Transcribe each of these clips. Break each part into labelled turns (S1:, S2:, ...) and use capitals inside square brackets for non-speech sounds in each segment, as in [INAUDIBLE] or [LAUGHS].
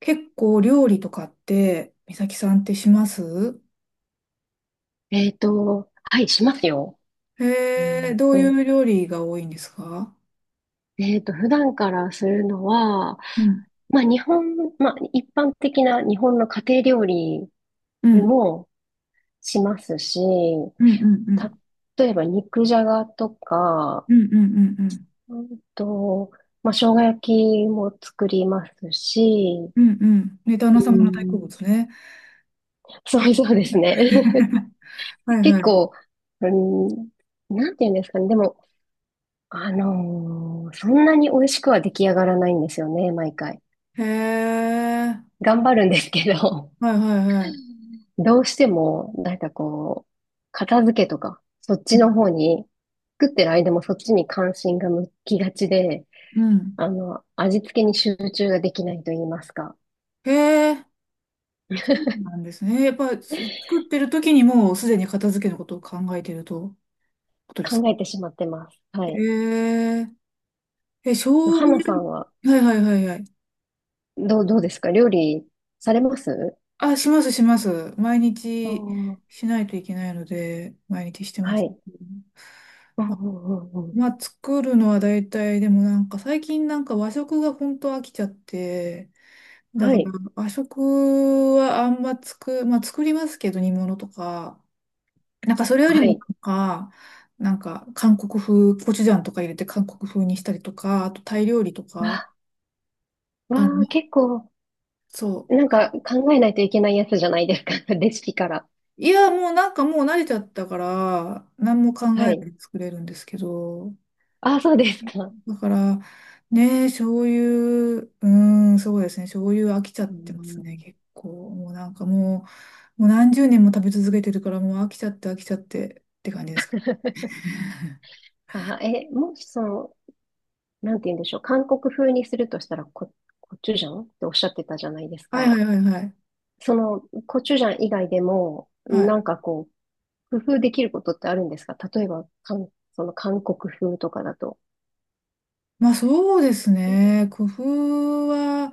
S1: 結構料理とかって、美咲さんってします？
S2: はい、しますよ。う
S1: へえ、
S2: ん
S1: どうい
S2: と、
S1: う料理が多いんですか？
S2: 普段からするのは、
S1: うん。
S2: まあ、日本、まあ、一般的な日本の家庭料理
S1: うん。
S2: もしますし、
S1: うんうんうん。
S2: 例えば肉じゃがとか、
S1: うんうんうんうん。
S2: うんと、生姜焼きも作りますし、
S1: うんうん。ね、旦那
S2: う
S1: 様の大好
S2: ん、
S1: 物ね。
S2: そうですね。[LAUGHS]
S1: [LAUGHS] はいは
S2: 結
S1: い。
S2: 構、うん、なんて言うんですかね。でも、そんなに美味しくは出来上がらないんですよね、毎回。
S1: へえ。
S2: 頑張るんですけど、
S1: はいはいはい。
S2: [LAUGHS] どうしても、片付けとか、そっ
S1: う
S2: ち
S1: ん。
S2: の方に、作ってる間もそっちに関心が向きがちで、
S1: うん。
S2: 味付けに集中ができないと言いますか、
S1: へえ。そうなんですね。やっぱす作ってる時にもうすでに片付けのことを考えているとことです
S2: 考
S1: か？
S2: えてしまってます。は
S1: へ
S2: い。
S1: え。え、生姜、
S2: 花さんは、
S1: はいはいはいはい。
S2: どうですか料理されます？
S1: あ、します、します。毎
S2: あ
S1: 日
S2: ー、
S1: しないといけないので、毎日してま
S2: は
S1: す。
S2: い。うんうんうんうん。
S1: まあ、作るのは大体、でもなんか最近なんか和食が本当飽きちゃって、だ
S2: は
S1: から
S2: い。
S1: 和食はあんままあ作りますけど煮物とか、なんかそれよ
S2: は
S1: りも
S2: い。
S1: なんか、なんか韓国風、コチュジャンとか入れて韓国風にしたりとか、あとタイ料理とか、
S2: わ、
S1: あ
S2: わあ、
S1: の、
S2: 結構、
S1: そう。
S2: なんか
S1: あ、
S2: 考えないといけないやつじゃないですか。[LAUGHS] レシピから。
S1: もうなんかもう慣れちゃったから、何も考えな
S2: は
S1: い
S2: い。
S1: で作れるんですけど、
S2: あ、そうですか。
S1: だから、ね、そういう、うん、そうですね、醤油飽きちゃっ
S2: う
S1: てますね、
S2: ん。
S1: 結構。もうなんかもう何十年も食べ続けてるから、もう飽きちゃって飽きちゃってって感じですか。
S2: もしその、なんて言うんでしょう。韓国風にするとしたらコチュジャンっておっしゃってたじゃないです
S1: はいは
S2: か。
S1: いはいはい。
S2: その、コチュジャン以外でも、
S1: はい。
S2: 工夫できることってあるんですか？例えば、その韓国風とかだと。
S1: まあそうですね、工夫は、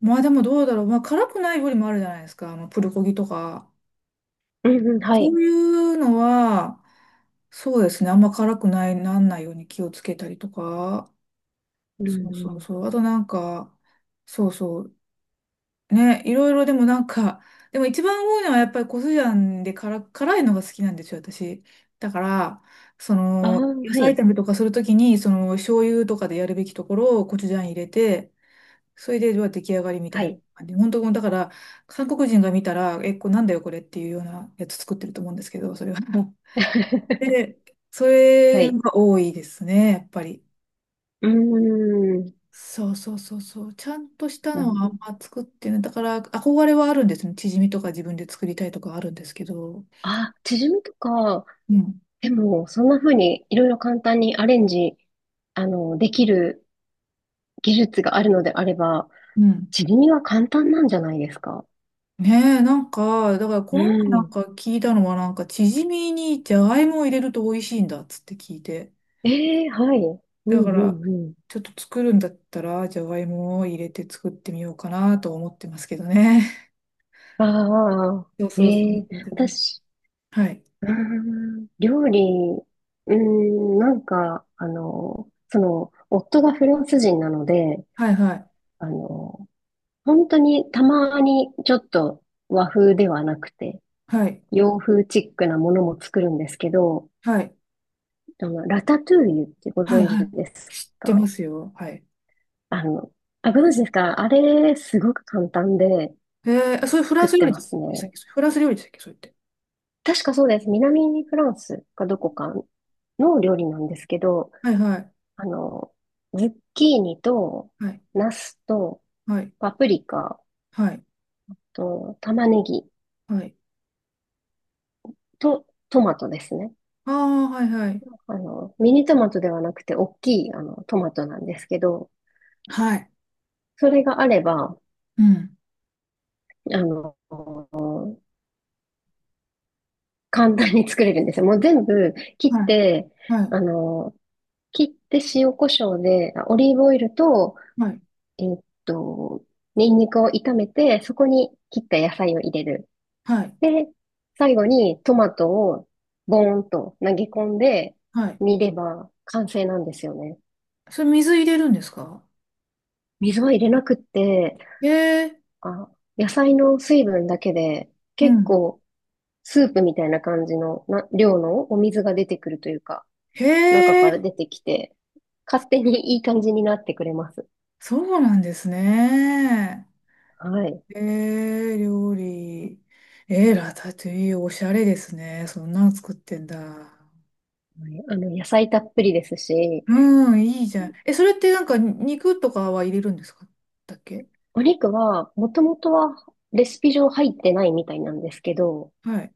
S1: まあでもどうだろう、まあ辛くない料理もあるじゃないですか、あのプルコギとか。
S2: うんうん、は
S1: そ
S2: い。
S1: ういうのは、そうですね、あんま辛くない、なんないように気をつけたりとか。
S2: うん
S1: そうそう
S2: うん。
S1: そう。あとなんか、そうそう。ね、いろいろでもなんか、でも一番多いのはやっぱりコスジャンで辛いのが好きなんですよ、私。だから、そ
S2: ああ、
S1: の、野
S2: は
S1: 菜
S2: い。
S1: 炒めとかするときに、その、醤油とかでやるべきところをコチュジャン入れて、それで、まあ出来上がりみた
S2: は
S1: いな
S2: い。
S1: 感じ。本当、だから、韓国人が見たら、え、これなんだよ、これっていうようなやつ作ってると思うんですけど、それは。[LAUGHS]
S2: [LAUGHS]
S1: で、そ
S2: は
S1: れ
S2: い。
S1: が多いですね、やっぱり。
S2: うーん。
S1: そうそうそうそう。ちゃんとしたのはあ
S2: ん、
S1: んま作ってない。だから、憧れはあるんですね。チヂミとか自分で作りたいとかあるんですけど。
S2: あ、チヂミとか、
S1: うん。
S2: でも、そんな風にいろいろ簡単にアレンジ、あの、できる技術があるのであれば、
S1: うん。
S2: 地には簡単なんじゃないですか？
S1: ねえ、なんか、だからこ
S2: う
S1: の前なん
S2: ん。
S1: か聞いたのは、なんか、チヂミにじゃがいもを入れると美味しいんだっつって聞いて。
S2: ええ、はい。う
S1: だ
S2: ん
S1: か
S2: う
S1: ら、
S2: んうん。
S1: ちょっと作るんだったら、じゃがいもを入れて作ってみようかなと思ってますけどね。
S2: ああ、
S1: [LAUGHS] そうそうそ
S2: え
S1: う。
S2: え、私、
S1: はい。
S2: うん、料理、うん、なんか、あの、その、夫がフランス人なので、
S1: はいはい。
S2: あの、本当にたまにちょっと和風ではなくて、
S1: はい。
S2: 洋風チックなものも作るんですけど、
S1: は
S2: でも、ラタトゥーユってご
S1: い。
S2: 存知
S1: はい。
S2: です
S1: 知ってま
S2: か？
S1: すよ。はい。
S2: あの、あ、ご存知ですか？あれ、すごく簡単で
S1: ええ、あ、それフラ
S2: 作
S1: ン
S2: っ
S1: ス料
S2: て
S1: 理で
S2: ます
S1: す
S2: ね。
S1: でしたっけ、それフランス料理でしたっけそれって。
S2: 確かそうです。南フランスかどこかの料理なんですけど、
S1: はいはい。
S2: あの、ズッキーニと、
S1: はい。
S2: ナスと、
S1: はい。
S2: パプリカ
S1: はい。
S2: と、玉ねぎ
S1: はい。
S2: と、トマトですね。
S1: ああ、はいはい。
S2: あの、ミニトマトではなくて、大きい、あの、トマトなんですけど、
S1: はい。
S2: それがあれば、
S1: うん。
S2: あの、簡単に作れるんですよ。もう全部
S1: は
S2: 切っ
S1: い。
S2: て、
S1: はい。
S2: あの、切って塩コショウで、あ、オリーブオイルと、
S1: はい。
S2: えーっと、ニンニクを炒めて、そこに切った野菜を入れる。
S1: はい。
S2: で、最後にトマトをボーンと投げ込んで
S1: はい。
S2: 煮れば完成なんですよね。
S1: それ水入れるんですか？
S2: 水は入れなくって、
S1: ええ
S2: あ、野菜の水分だけで
S1: う
S2: 結
S1: ん。
S2: 構スープみたいな感じのな量のお水が出てくるというか、
S1: へ
S2: 中から
S1: え、
S2: 出てきて、勝手にいい感じになってくれます。
S1: そうなんですね。
S2: はい。
S1: ええ料理。ええラタトゥイユ、おしゃれですね。そんなの作ってんだ。
S2: あの、野菜たっぷりですし、
S1: うん、いいじゃん。え、それってなんか肉とかは入れるんですか、だっけ？
S2: お肉は、もともとはレシピ上入ってないみたいなんですけど、
S1: はい、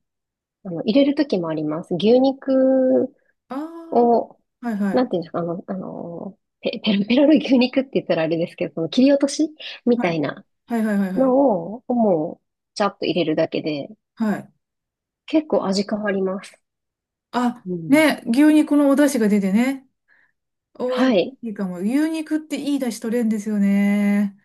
S2: あの、入れる時もあります。牛肉
S1: あ
S2: を、
S1: あ、はいは
S2: な
S1: い。
S2: んていうんですか、あの、ペロペロの牛肉って言ったらあれですけど、その切り落としみた
S1: は
S2: い
S1: い。
S2: な
S1: はいはいはいはい。
S2: のを、もう、ちゃっと入れるだけで、
S1: はい。
S2: 結構味変わります。
S1: あ、
S2: うん。
S1: ね、牛肉のお出汁が出てね。おい
S2: は
S1: し
S2: い。
S1: いかも。牛肉っていい出汁取れるんですよね。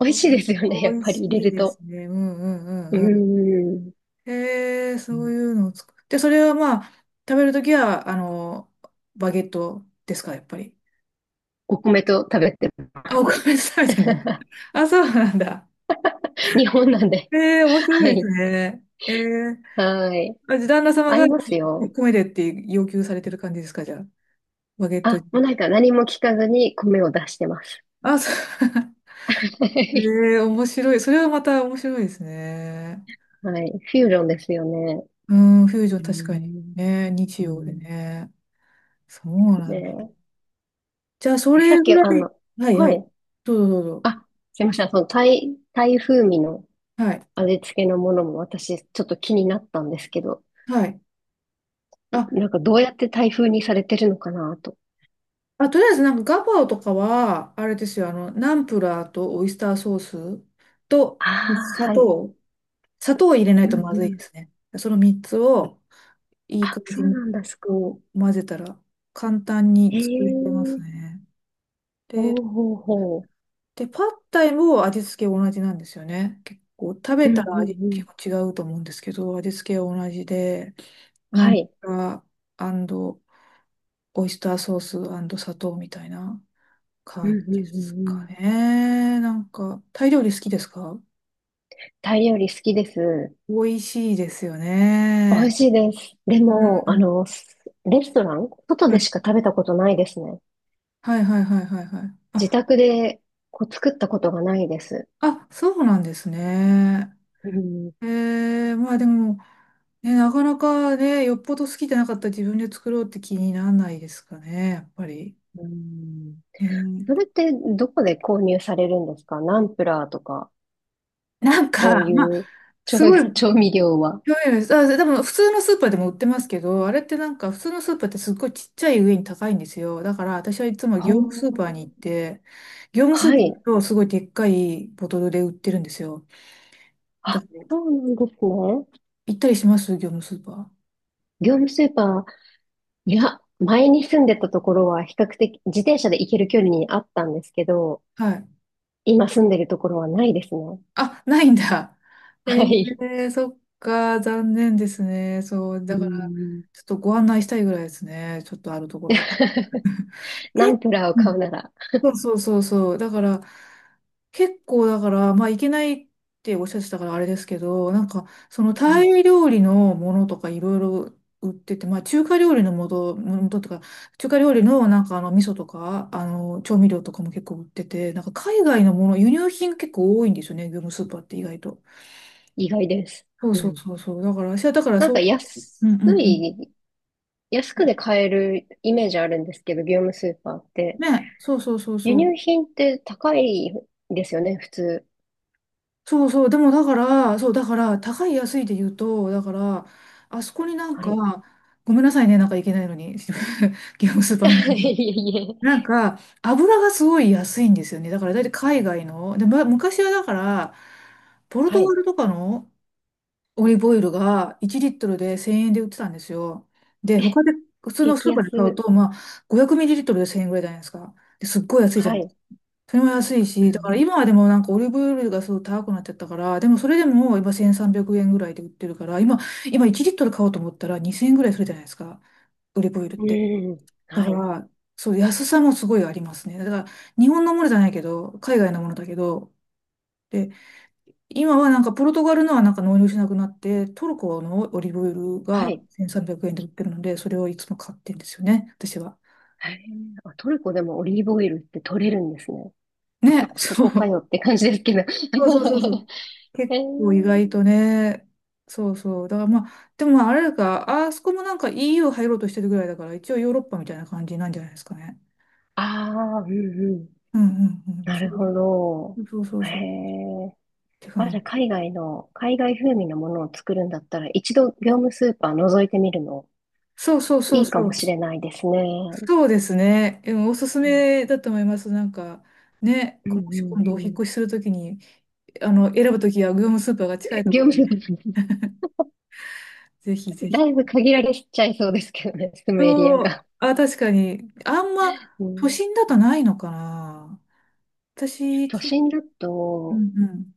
S2: 美味
S1: お、
S2: しいですよね、や
S1: お
S2: っ
S1: い
S2: ぱり
S1: し
S2: 入れ
S1: い
S2: る
S1: で
S2: と。
S1: すね。うんうん
S2: うー
S1: うんうん。
S2: ん。
S1: へえ、そういうのを作って、それはまあ、食べるときは、あの、バゲットですか、やっぱり。
S2: お米と食べて
S1: あ、
S2: ま
S1: お
S2: す。
S1: 米で食べてる。
S2: [LAUGHS]
S1: あ、そうなんだ。
S2: 日本なんで。
S1: ええ、面
S2: は
S1: 白いです
S2: い。
S1: ね。ええ、
S2: はい。
S1: あ、じゃあ旦那様
S2: あ
S1: が
S2: りますよ。
S1: 米でって要求されてる感じですか、じゃあ。バゲットに。
S2: あ、もうなんか何も聞かずに米を出してます。
S1: あ、そう。[LAUGHS]
S2: [LAUGHS] はい。
S1: えー、面白い。それはまた面白いですね。
S2: フュージョンですよね。
S1: うん、フュージョン
S2: うー
S1: 確かに。
S2: ん。
S1: ね、日
S2: う
S1: 曜で
S2: ん。
S1: ね。そうなんだ。
S2: ね
S1: じゃあ、そ
S2: え、えさ
S1: れ
S2: っき、
S1: ぐ
S2: あ
S1: らい。
S2: の、
S1: はいは
S2: は
S1: い。
S2: い。
S1: どうぞどうぞ。
S2: あ、すいません。その、タイ風味の
S1: はい。
S2: 味付けのものも私、ちょっと気になったんですけど、
S1: はい。あ、
S2: なんかどうやってタイ風にされてるのかなと。
S1: とりあえずなんかガパオとかは、あれですよ、あの、ナンプラーとオイスターソースと
S2: ああ、
S1: 砂
S2: はい。
S1: 糖。砂糖を入れない
S2: う
S1: と
S2: ん
S1: まずい
S2: う
S1: です
S2: ん。
S1: ね。その3つをいい
S2: あ、
S1: 感
S2: そ
S1: じ
S2: う
S1: に
S2: なんだ。
S1: こう混ぜたら簡単に
S2: へ
S1: 作れます
S2: え、
S1: ね。
S2: ほう
S1: で、
S2: ほうほ
S1: パッタイも味付け同じなんですよね。結構食べ
S2: う。うんう
S1: たら味
S2: んう
S1: 結
S2: ん。
S1: 構違うと思うんですけど、味付けは同じで、ナ
S2: は
S1: ンプ
S2: い。
S1: ラーオイスターソース砂糖みたいな
S2: うん
S1: 感じ
S2: う
S1: で
S2: んう
S1: す
S2: んう
S1: か
S2: ん。
S1: ね。なんか、タイ料理好きですか？
S2: タイ料理好きです。
S1: 美味しいですよ
S2: 美味
S1: ね。
S2: しいです。でも、
S1: う
S2: あ
S1: ん。
S2: の、レストラン外でしか食べたことないですね。
S1: はいはいはいはいはいはい。
S2: 自
S1: あ、
S2: 宅でこう作ったことがないです。
S1: あ、そうなんですね。
S2: うん、
S1: えまあでも、ね、なかなかね、よっぽど好きじゃなかったら自分で作ろうって気にならないですかね、やっぱり。
S2: うん。
S1: ね、
S2: それってどこで購入されるんですか？ナンプラーとか、
S1: なん
S2: そう
S1: か、
S2: い
S1: まあ、
S2: う調、
S1: すごい、
S2: 調味料は。
S1: 興味あります。あ、でも普通のスーパーでも売ってますけど、あれってなんか普通のスーパーってすっごいちっちゃい上に高いんですよ。だから私はいつも
S2: は
S1: 業務スーパーに行っ
S2: あ、
S1: て、業務ス
S2: は
S1: ーパー行
S2: い。
S1: くとすごいでっかいボトルで売ってるんですよ。
S2: あ、
S1: だから
S2: そうなんですね。
S1: 行ったりします業務スーパー。
S2: 業務スーパー、いや、前に住んでたところは比較的自転車で行ける距離にあったんですけど、
S1: はい。
S2: 今住んでるところはないですね。
S1: あ、ないんだ。[LAUGHS] え
S2: はい。
S1: ー、そっか、残念ですね。そう、だ
S2: う
S1: から、
S2: ん。
S1: ちょっとご案内したいぐらいですね。ちょっとあるところ。
S2: [LAUGHS] ナン
S1: け
S2: プラーを
S1: う
S2: 買う
S1: ん
S2: なら、
S1: そうそうそうそう。だから、結構だから、まあ、いけないっておっしゃってたからあれですけど、なんか、その
S2: は
S1: タ
S2: い、
S1: イ料理のものとかいろいろ売ってて、まあ、中華料理のもととか、中華料理のなんか味噌とか、調味料とかも結構売ってて、なんか海外のもの、輸入品結構多いんですよね、業務スーパーって意外と。
S2: 意外です。
S1: そう
S2: う
S1: そう
S2: ん。
S1: そうそう。だから、私はだから
S2: なん
S1: そ
S2: か
S1: う、うん
S2: 安
S1: うんうん。
S2: い、安くで買えるイメージあるんですけど、業務スーパーって。
S1: ね、そうそうそう
S2: 輸
S1: そう。
S2: 入品って高いですよね、普通。
S1: そうそう。でもだから、そう、だから、高い安いで言うと、だから、あそこになん
S2: は
S1: か、
S2: い。
S1: ごめんなさいね、なんかいけないのに、[LAUGHS] ゲームスーパ
S2: [LAUGHS]
S1: ーなん
S2: い
S1: で、
S2: えいえ。
S1: なんか、油がすごい安いんですよね。だから、だいたい海外の。で、ま、昔はだから、ポル
S2: は
S1: トガ
S2: い。
S1: ルとかのオリーブオイルが1リットルで1000円で売ってたんですよ。で、他で、普通のス
S2: 激
S1: ーパ
S2: 安。
S1: ーで買うと、まあ、500ミリリットルで1000円ぐらいじゃないですか。ですっごい安いじゃ
S2: は
S1: ん。
S2: い。
S1: それも安い
S2: う
S1: し、だから
S2: ん
S1: 今はでもなんかオリーブオイルがすごい高くなっちゃったから、でもそれでも今1300円ぐらいで売ってるから、今、1リットル買おうと思ったら2000円ぐらいするじゃないですか、オリーブオイルっ
S2: う
S1: て。
S2: ん。うん。
S1: だ
S2: は
S1: か
S2: い。
S1: ら、そう、安さもすごいありますね。だから、日本のものじゃないけど、海外のものだけど、で、今はなんかポルトガルのはなんか納入しなくなって、トルコのオリーブオイル
S2: は
S1: が
S2: い。
S1: 1300円で売ってるので、それをいつも買ってんですよね、私は。
S2: へえ、あ、トルコでもオリーブオイルって取れるんですね。
S1: ね、
S2: そ
S1: そ
S2: こか
S1: う。
S2: よって感じですけど。
S1: そうそうそうそう。
S2: [LAUGHS] へ
S1: 結
S2: え、
S1: 構意外とね。そうそう。だからまあ、でもまああれだから、あそこもなんか EU 入ろうとしてるぐらいだから、一応ヨーロッパみたいな感じなんじゃないですかね。
S2: ああ、うんうん。
S1: うんうんうん。
S2: な
S1: 中
S2: るほど。
S1: そうそう
S2: へ
S1: そう。っ
S2: え。
S1: て
S2: あ、
S1: 感
S2: じゃあ
S1: じ。
S2: 海外風味のものを作るんだったら、一度業務スーパー覗いてみるの、
S1: そうそうそ
S2: い
S1: う
S2: いか
S1: そ
S2: も
S1: う。
S2: しれないですね。
S1: そうですね。でもおすす
S2: うん
S1: めだと思います。なんか、ね、
S2: うんう
S1: もし
S2: ん
S1: 今度お引
S2: う
S1: っ
S2: ん。
S1: 越しするときに、選ぶときは業務スーパーが近いとこ
S2: 業
S1: ろ
S2: 務
S1: で
S2: スー
S1: ね、
S2: パー、
S1: ぜひぜ
S2: [LAUGHS] だ
S1: ひ。
S2: いぶ限られちゃいそうですけどね、住むエリア
S1: そう。
S2: が。
S1: あ、確かに。あんま、
S2: う
S1: 都
S2: ん、
S1: 心だとないのかな。私、
S2: 都
S1: き、
S2: 心だ
S1: う
S2: と、
S1: んうん。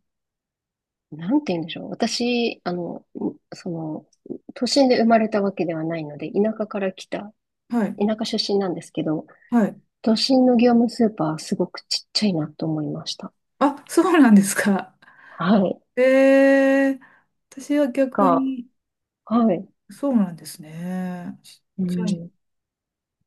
S2: なんて言うんでしょう。私、その、都心で生まれたわけではないので、田舎から来た、
S1: はい、
S2: 田舎出身なんですけど、
S1: はい。
S2: 都心の業務スーパーはすごくちっちゃいなと思いました。
S1: あ、そうなんですか。
S2: は
S1: [LAUGHS]
S2: い。
S1: ええ、私は逆
S2: が、
S1: に、
S2: はい。
S1: そうなんですね。ちっ
S2: う
S1: ちゃい。
S2: ん。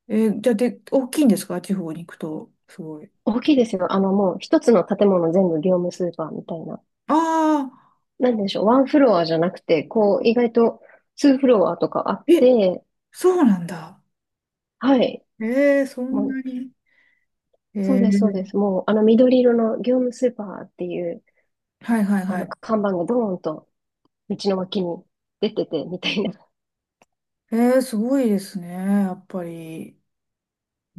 S1: えーじゃあ、で、大きいんですか地方に行くと。すごい。
S2: 大きいですよ。あの、もう一つの建物全部業務スーパーみたいな。
S1: ああ、
S2: なんでしょう。ワンフロアじゃなくて、こう、意外とツーフロアとかあっ
S1: え、
S2: て、
S1: そうなんだ。
S2: はい。
S1: ええそん
S2: も
S1: な
S2: う、
S1: に。
S2: そう
S1: え
S2: で
S1: え
S2: す。もう、あの緑色の業務スーパーっていう、
S1: はいはい
S2: あ
S1: は
S2: の
S1: い。
S2: 看板がドーンと、道の脇に出てて、みたいな。
S1: ええすごいですね。やっぱり。